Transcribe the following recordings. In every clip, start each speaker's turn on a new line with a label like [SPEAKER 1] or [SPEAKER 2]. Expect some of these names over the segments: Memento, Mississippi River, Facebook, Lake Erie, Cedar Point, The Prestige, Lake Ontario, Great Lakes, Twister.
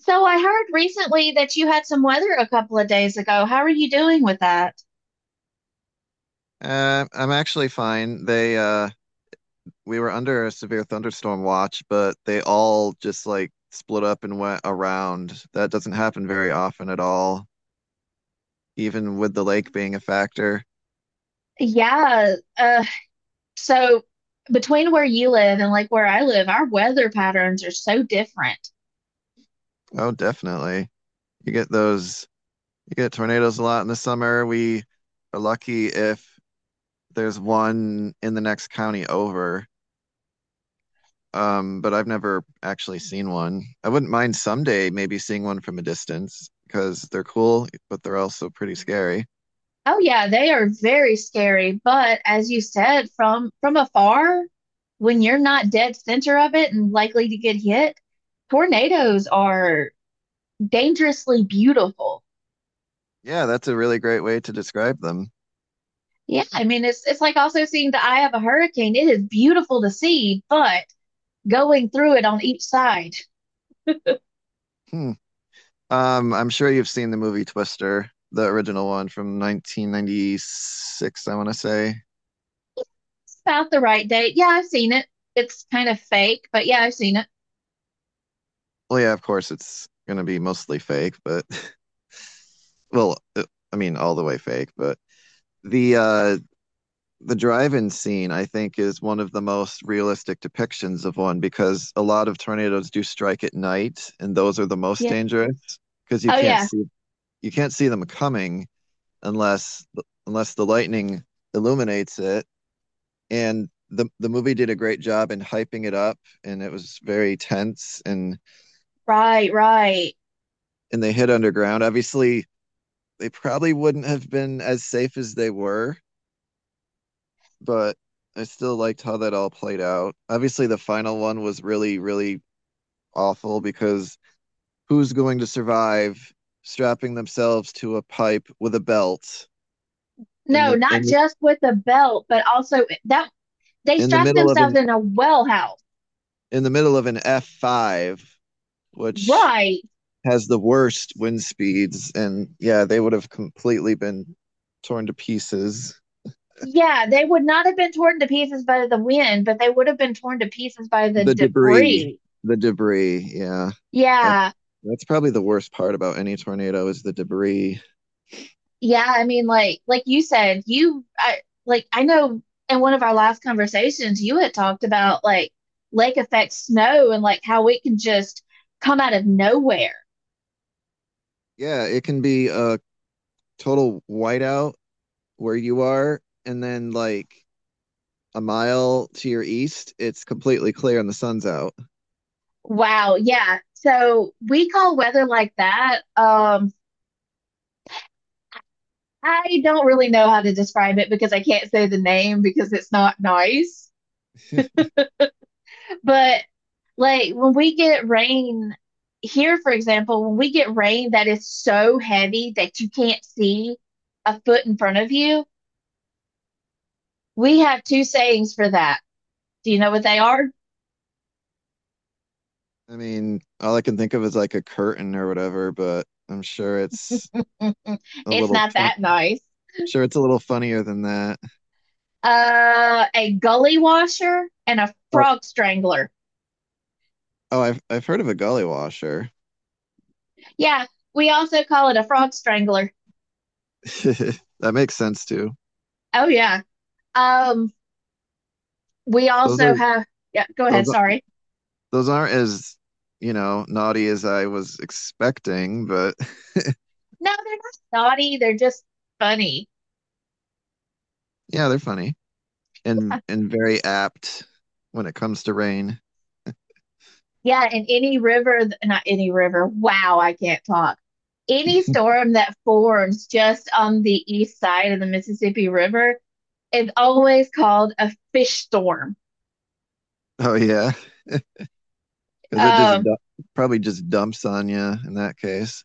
[SPEAKER 1] So I heard recently that you had some weather a couple of days ago. How are you doing with that?
[SPEAKER 2] I'm actually fine. They We were under a severe thunderstorm watch, but they all just like split up and went around. That doesn't happen very often at all, even with the lake being a factor.
[SPEAKER 1] Yeah, so between where you live and like where I live, our weather patterns are so different.
[SPEAKER 2] Oh, definitely. You get those you get tornadoes a lot in the summer. We are lucky if there's one in the next county over. But I've never actually seen one. I wouldn't mind someday maybe seeing one from a distance because they're cool, but they're also pretty scary.
[SPEAKER 1] Oh yeah, they are very scary, but as you said, from afar, when you're not dead center of it and likely to get hit, tornadoes are dangerously beautiful.
[SPEAKER 2] Yeah, that's a really great way to describe them.
[SPEAKER 1] Yeah, I mean it's like also seeing the eye of a hurricane. It is beautiful to see, but going through it on each side.
[SPEAKER 2] Hmm. I'm sure you've seen the movie Twister, the original one from 1996, I want to say.
[SPEAKER 1] It's about the right date. Yeah, I've seen it. It's kind of fake, but yeah, I've seen it.
[SPEAKER 2] Well, yeah, of course, it's going to be mostly fake, but well, I mean, all the way fake, but the the drive-in scene, I think, is one of the most realistic depictions of one because a lot of tornadoes do strike at night, and those are the most
[SPEAKER 1] Yeah.
[SPEAKER 2] dangerous because
[SPEAKER 1] Oh yeah.
[SPEAKER 2] you can't see them coming unless unless the lightning illuminates it. And the movie did a great job in hyping it up, and it was very tense.
[SPEAKER 1] Right, right.
[SPEAKER 2] And they hid underground. Obviously, they probably wouldn't have been as safe as they were, but I still liked how that all played out. Obviously, the final one was really really awful because who's going to survive strapping themselves to a pipe with a belt in
[SPEAKER 1] No,
[SPEAKER 2] the
[SPEAKER 1] not
[SPEAKER 2] in
[SPEAKER 1] just with the belt, but also that they
[SPEAKER 2] in the
[SPEAKER 1] strapped
[SPEAKER 2] middle of
[SPEAKER 1] themselves
[SPEAKER 2] an
[SPEAKER 1] in a well house.
[SPEAKER 2] in the middle of an F5, which
[SPEAKER 1] Right.
[SPEAKER 2] has the worst wind speeds, and yeah, they would have completely been torn to pieces.
[SPEAKER 1] Yeah, they would not have been torn to pieces by the wind, but they would have been torn to pieces by the
[SPEAKER 2] The debris,
[SPEAKER 1] debris.
[SPEAKER 2] the debris, yeah, that's
[SPEAKER 1] Yeah.
[SPEAKER 2] that's probably the worst part about any tornado is the debris.
[SPEAKER 1] Yeah, I mean, like you said, you I like I know in one of our last conversations you had talked about like lake effect snow and like how it can just come out of nowhere.
[SPEAKER 2] Yeah, it can be a total whiteout where you are, and then like a mile to your east, it's completely clear and the sun's out.
[SPEAKER 1] Wow, yeah. So we call weather like that. I don't really know how to describe it because I can't say the name because it's not nice. But like when we get rain here, for example, when we get rain that is so heavy that you can't see a foot in front of you, we have two sayings for that. Do you know what they are?
[SPEAKER 2] I mean, all I can think of is like a curtain or whatever, but I'm sure it's a
[SPEAKER 1] It's
[SPEAKER 2] little
[SPEAKER 1] not
[SPEAKER 2] fun.
[SPEAKER 1] that nice.
[SPEAKER 2] Sure, it's a little funnier than that.
[SPEAKER 1] A gully washer and a
[SPEAKER 2] Oh,
[SPEAKER 1] frog strangler.
[SPEAKER 2] Oh, I've heard of a gully washer.
[SPEAKER 1] Yeah, we also call it a frog strangler.
[SPEAKER 2] That makes sense too.
[SPEAKER 1] Oh yeah. Um, we
[SPEAKER 2] Those are
[SPEAKER 1] also have, yeah, go
[SPEAKER 2] those
[SPEAKER 1] ahead,
[SPEAKER 2] are-
[SPEAKER 1] sorry.
[SPEAKER 2] those aren't as, you know, naughty as I was expecting, but
[SPEAKER 1] No, they're not naughty, they're just funny.
[SPEAKER 2] yeah, they're funny and very apt when it comes to rain.
[SPEAKER 1] Yeah, and any river, not any river, wow, I can't talk. Any storm that forms just on the east side of the Mississippi River is always called a fish storm.
[SPEAKER 2] Oh yeah, because it just
[SPEAKER 1] Um,
[SPEAKER 2] du probably just dumps on you in that case.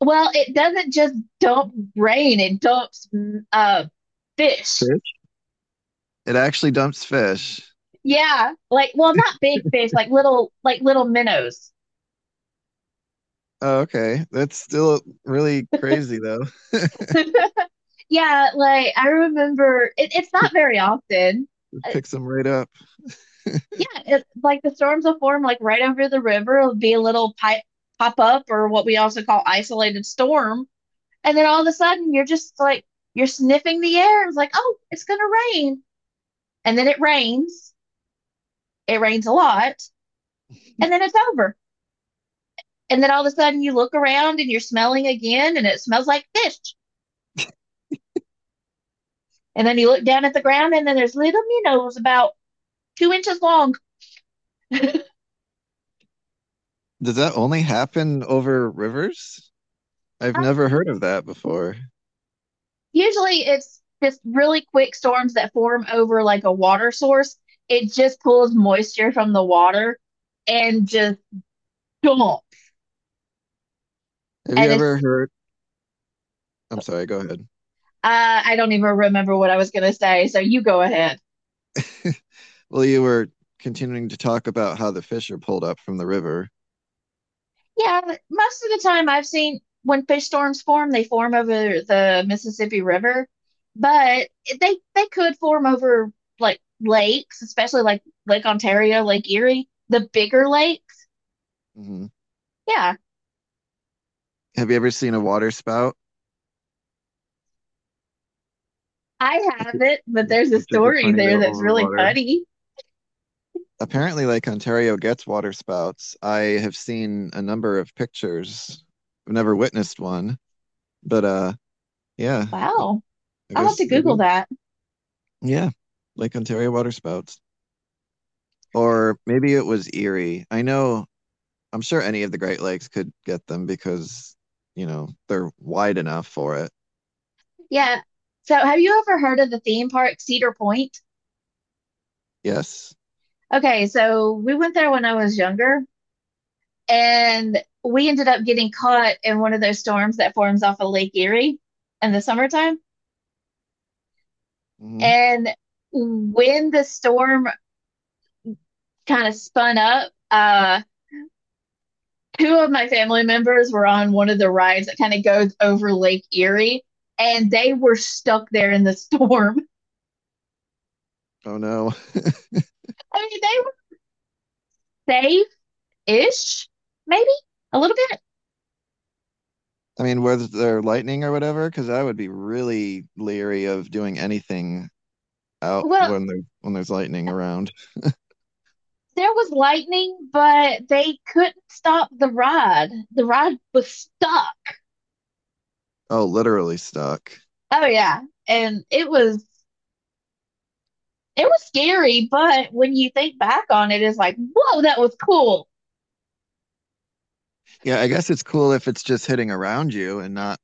[SPEAKER 1] well, it doesn't just dump rain, it dumps fish.
[SPEAKER 2] Fish? It actually dumps fish.
[SPEAKER 1] Yeah, like, well, not big fish, like little minnows.
[SPEAKER 2] Oh, okay. That's still really crazy though.
[SPEAKER 1] Yeah, like I remember it, it's not very often.
[SPEAKER 2] Picks them right up.
[SPEAKER 1] Yeah, like the storms will form like right over the river. It'll be a little pipe pop up or what we also call isolated storm. And then all of a sudden you're just like you're sniffing the air. It's like, oh, it's gonna rain. And then it rains. It rains a lot. And then it's over. And then all of a sudden you look around and you're smelling again and it smells like fish. And then you look down at the ground and then there's little minnows about 2 inches long.
[SPEAKER 2] Does that only happen over rivers? I've never heard of that before.
[SPEAKER 1] Usually it's just really quick storms that form over like a water source. It just pulls moisture from the water and just dump.
[SPEAKER 2] Have you
[SPEAKER 1] And
[SPEAKER 2] ever heard? I'm sorry, go ahead.
[SPEAKER 1] I don't even remember what I was going to say. So you go ahead.
[SPEAKER 2] Well, you were continuing to talk about how the fish are pulled up from the river.
[SPEAKER 1] Yeah, most of the time I've seen when fish storms form, they form over the Mississippi River, but they could form over like lakes, especially like Lake Ontario, Lake Erie, the bigger lakes.
[SPEAKER 2] Hmm.
[SPEAKER 1] Yeah.
[SPEAKER 2] Have you ever seen a water spout,
[SPEAKER 1] I
[SPEAKER 2] which is
[SPEAKER 1] haven't, but there's a
[SPEAKER 2] which is a
[SPEAKER 1] story
[SPEAKER 2] tornado
[SPEAKER 1] there that's
[SPEAKER 2] over
[SPEAKER 1] really
[SPEAKER 2] water?
[SPEAKER 1] funny.
[SPEAKER 2] Apparently, Lake Ontario gets water spouts. I have seen a number of pictures. I've never witnessed one, but yeah,
[SPEAKER 1] Wow.
[SPEAKER 2] I
[SPEAKER 1] I'll have
[SPEAKER 2] guess
[SPEAKER 1] to
[SPEAKER 2] they
[SPEAKER 1] Google
[SPEAKER 2] do.
[SPEAKER 1] that.
[SPEAKER 2] Yeah, Lake Ontario water spouts. Or maybe it was Erie. I know I'm sure any of the Great Lakes could get them because, you know, they're wide enough for it.
[SPEAKER 1] Yeah. So, have you ever heard of the theme park Cedar Point?
[SPEAKER 2] Yes.
[SPEAKER 1] Okay, so we went there when I was younger, and we ended up getting caught in one of those storms that forms off of Lake Erie in the summertime.
[SPEAKER 2] Hmm.
[SPEAKER 1] And when the storm kind of spun up, two of my family members were on one of the rides that kind of goes over Lake Erie, and they were stuck there in the storm.
[SPEAKER 2] Oh no.
[SPEAKER 1] I mean, they were safe-ish, maybe a little bit.
[SPEAKER 2] I mean, was there lightning or whatever? Because I would be really leery of doing anything out
[SPEAKER 1] Well,
[SPEAKER 2] when there's lightning around.
[SPEAKER 1] there was lightning, but they couldn't stop the ride. The ride was stuck.
[SPEAKER 2] Oh, literally stuck.
[SPEAKER 1] Oh yeah, and it was scary, but when you think back on it, it's like, whoa, that was cool
[SPEAKER 2] Yeah, I guess it's cool if it's just hitting around you and not,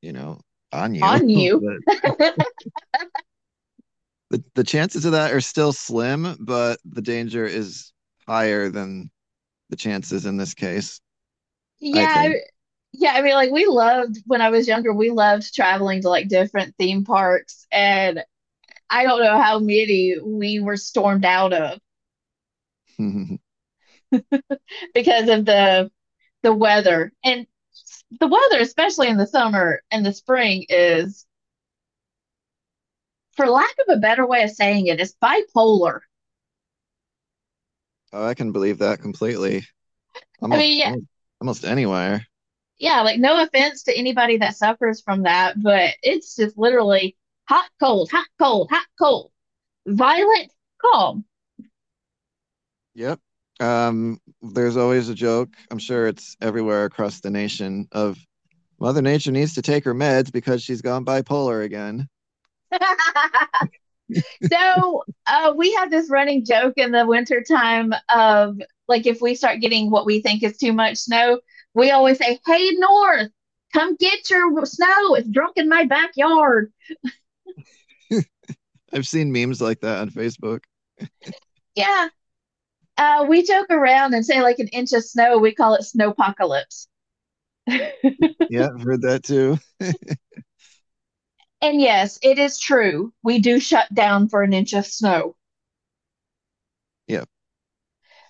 [SPEAKER 2] you know, on you.
[SPEAKER 1] on you.
[SPEAKER 2] But the chances of that are still slim, but the danger is higher than the chances in this case, I
[SPEAKER 1] Yeah,
[SPEAKER 2] think.
[SPEAKER 1] yeah. I mean, like we loved when I was younger. We loved traveling to like different theme parks, and I don't know how many we were stormed out of because of the weather and the weather, especially in the summer and the spring, is for lack of a better way of saying it, is bipolar.
[SPEAKER 2] Oh, I can believe that completely.
[SPEAKER 1] I mean, yeah,
[SPEAKER 2] Almost, almost anywhere.
[SPEAKER 1] yeah, like no offense to anybody that suffers from that, but it's just literally hot, cold, hot, cold, hot, cold, violent, calm.
[SPEAKER 2] Yep. There's always a joke. I'm sure it's everywhere across the nation of Mother Nature needs to take her meds because she's gone bipolar again.
[SPEAKER 1] So we have this running joke in the wintertime of like if we start getting what we think is too much snow, we always say, hey, North, come get your snow. It's drunk in my backyard.
[SPEAKER 2] I've seen memes like that on Facebook.
[SPEAKER 1] Yeah. We joke around and say like an inch of snow. We call it snowpocalypse. And
[SPEAKER 2] Yeah, I've heard that too.
[SPEAKER 1] yes, it is true. We do shut down for an inch of snow.
[SPEAKER 2] Yeah,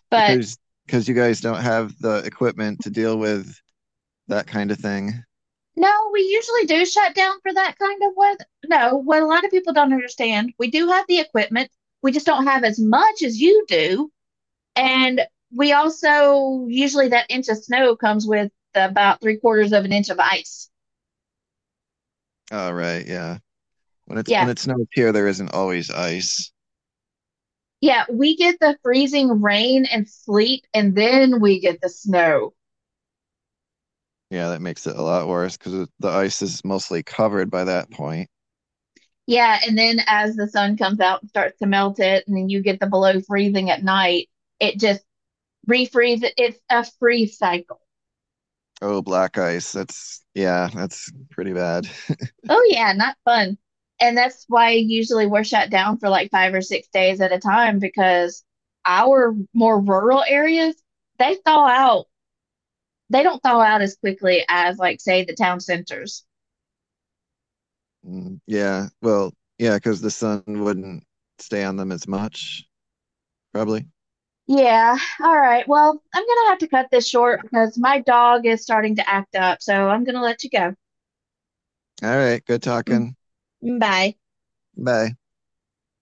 [SPEAKER 1] But
[SPEAKER 2] because because you guys don't have the equipment to deal with that kind of thing.
[SPEAKER 1] no, we usually do shut down for that kind of weather. No, what a lot of people don't understand, we do have the equipment. We just don't have as much as you do. And we also usually that inch of snow comes with about three-quarters of an inch of ice.
[SPEAKER 2] Oh, right. Yeah. When
[SPEAKER 1] Yeah.
[SPEAKER 2] it snows here, there isn't always ice.
[SPEAKER 1] Yeah. We get the freezing rain and sleet, and then we get the snow.
[SPEAKER 2] Yeah, that makes it a lot worse because the ice is mostly covered by that point.
[SPEAKER 1] Yeah. And then as the sun comes out and starts to melt it, and then you get the below freezing at night, it just refreezes. It's a freeze cycle.
[SPEAKER 2] Oh, black ice. That's yeah, that's pretty bad.
[SPEAKER 1] Oh yeah, not fun. And that's why usually we're shut down for like 5 or 6 days at a time because our more rural areas, they thaw out. They don't thaw out as quickly as like say the town centers.
[SPEAKER 2] Mm, yeah, well, yeah, because the sun wouldn't stay on them as much, probably.
[SPEAKER 1] Yeah. All right. Well, I'm gonna have to cut this short because my dog is starting to act up, so I'm gonna let you go.
[SPEAKER 2] All right, good talking.
[SPEAKER 1] Mm, bye.
[SPEAKER 2] Bye.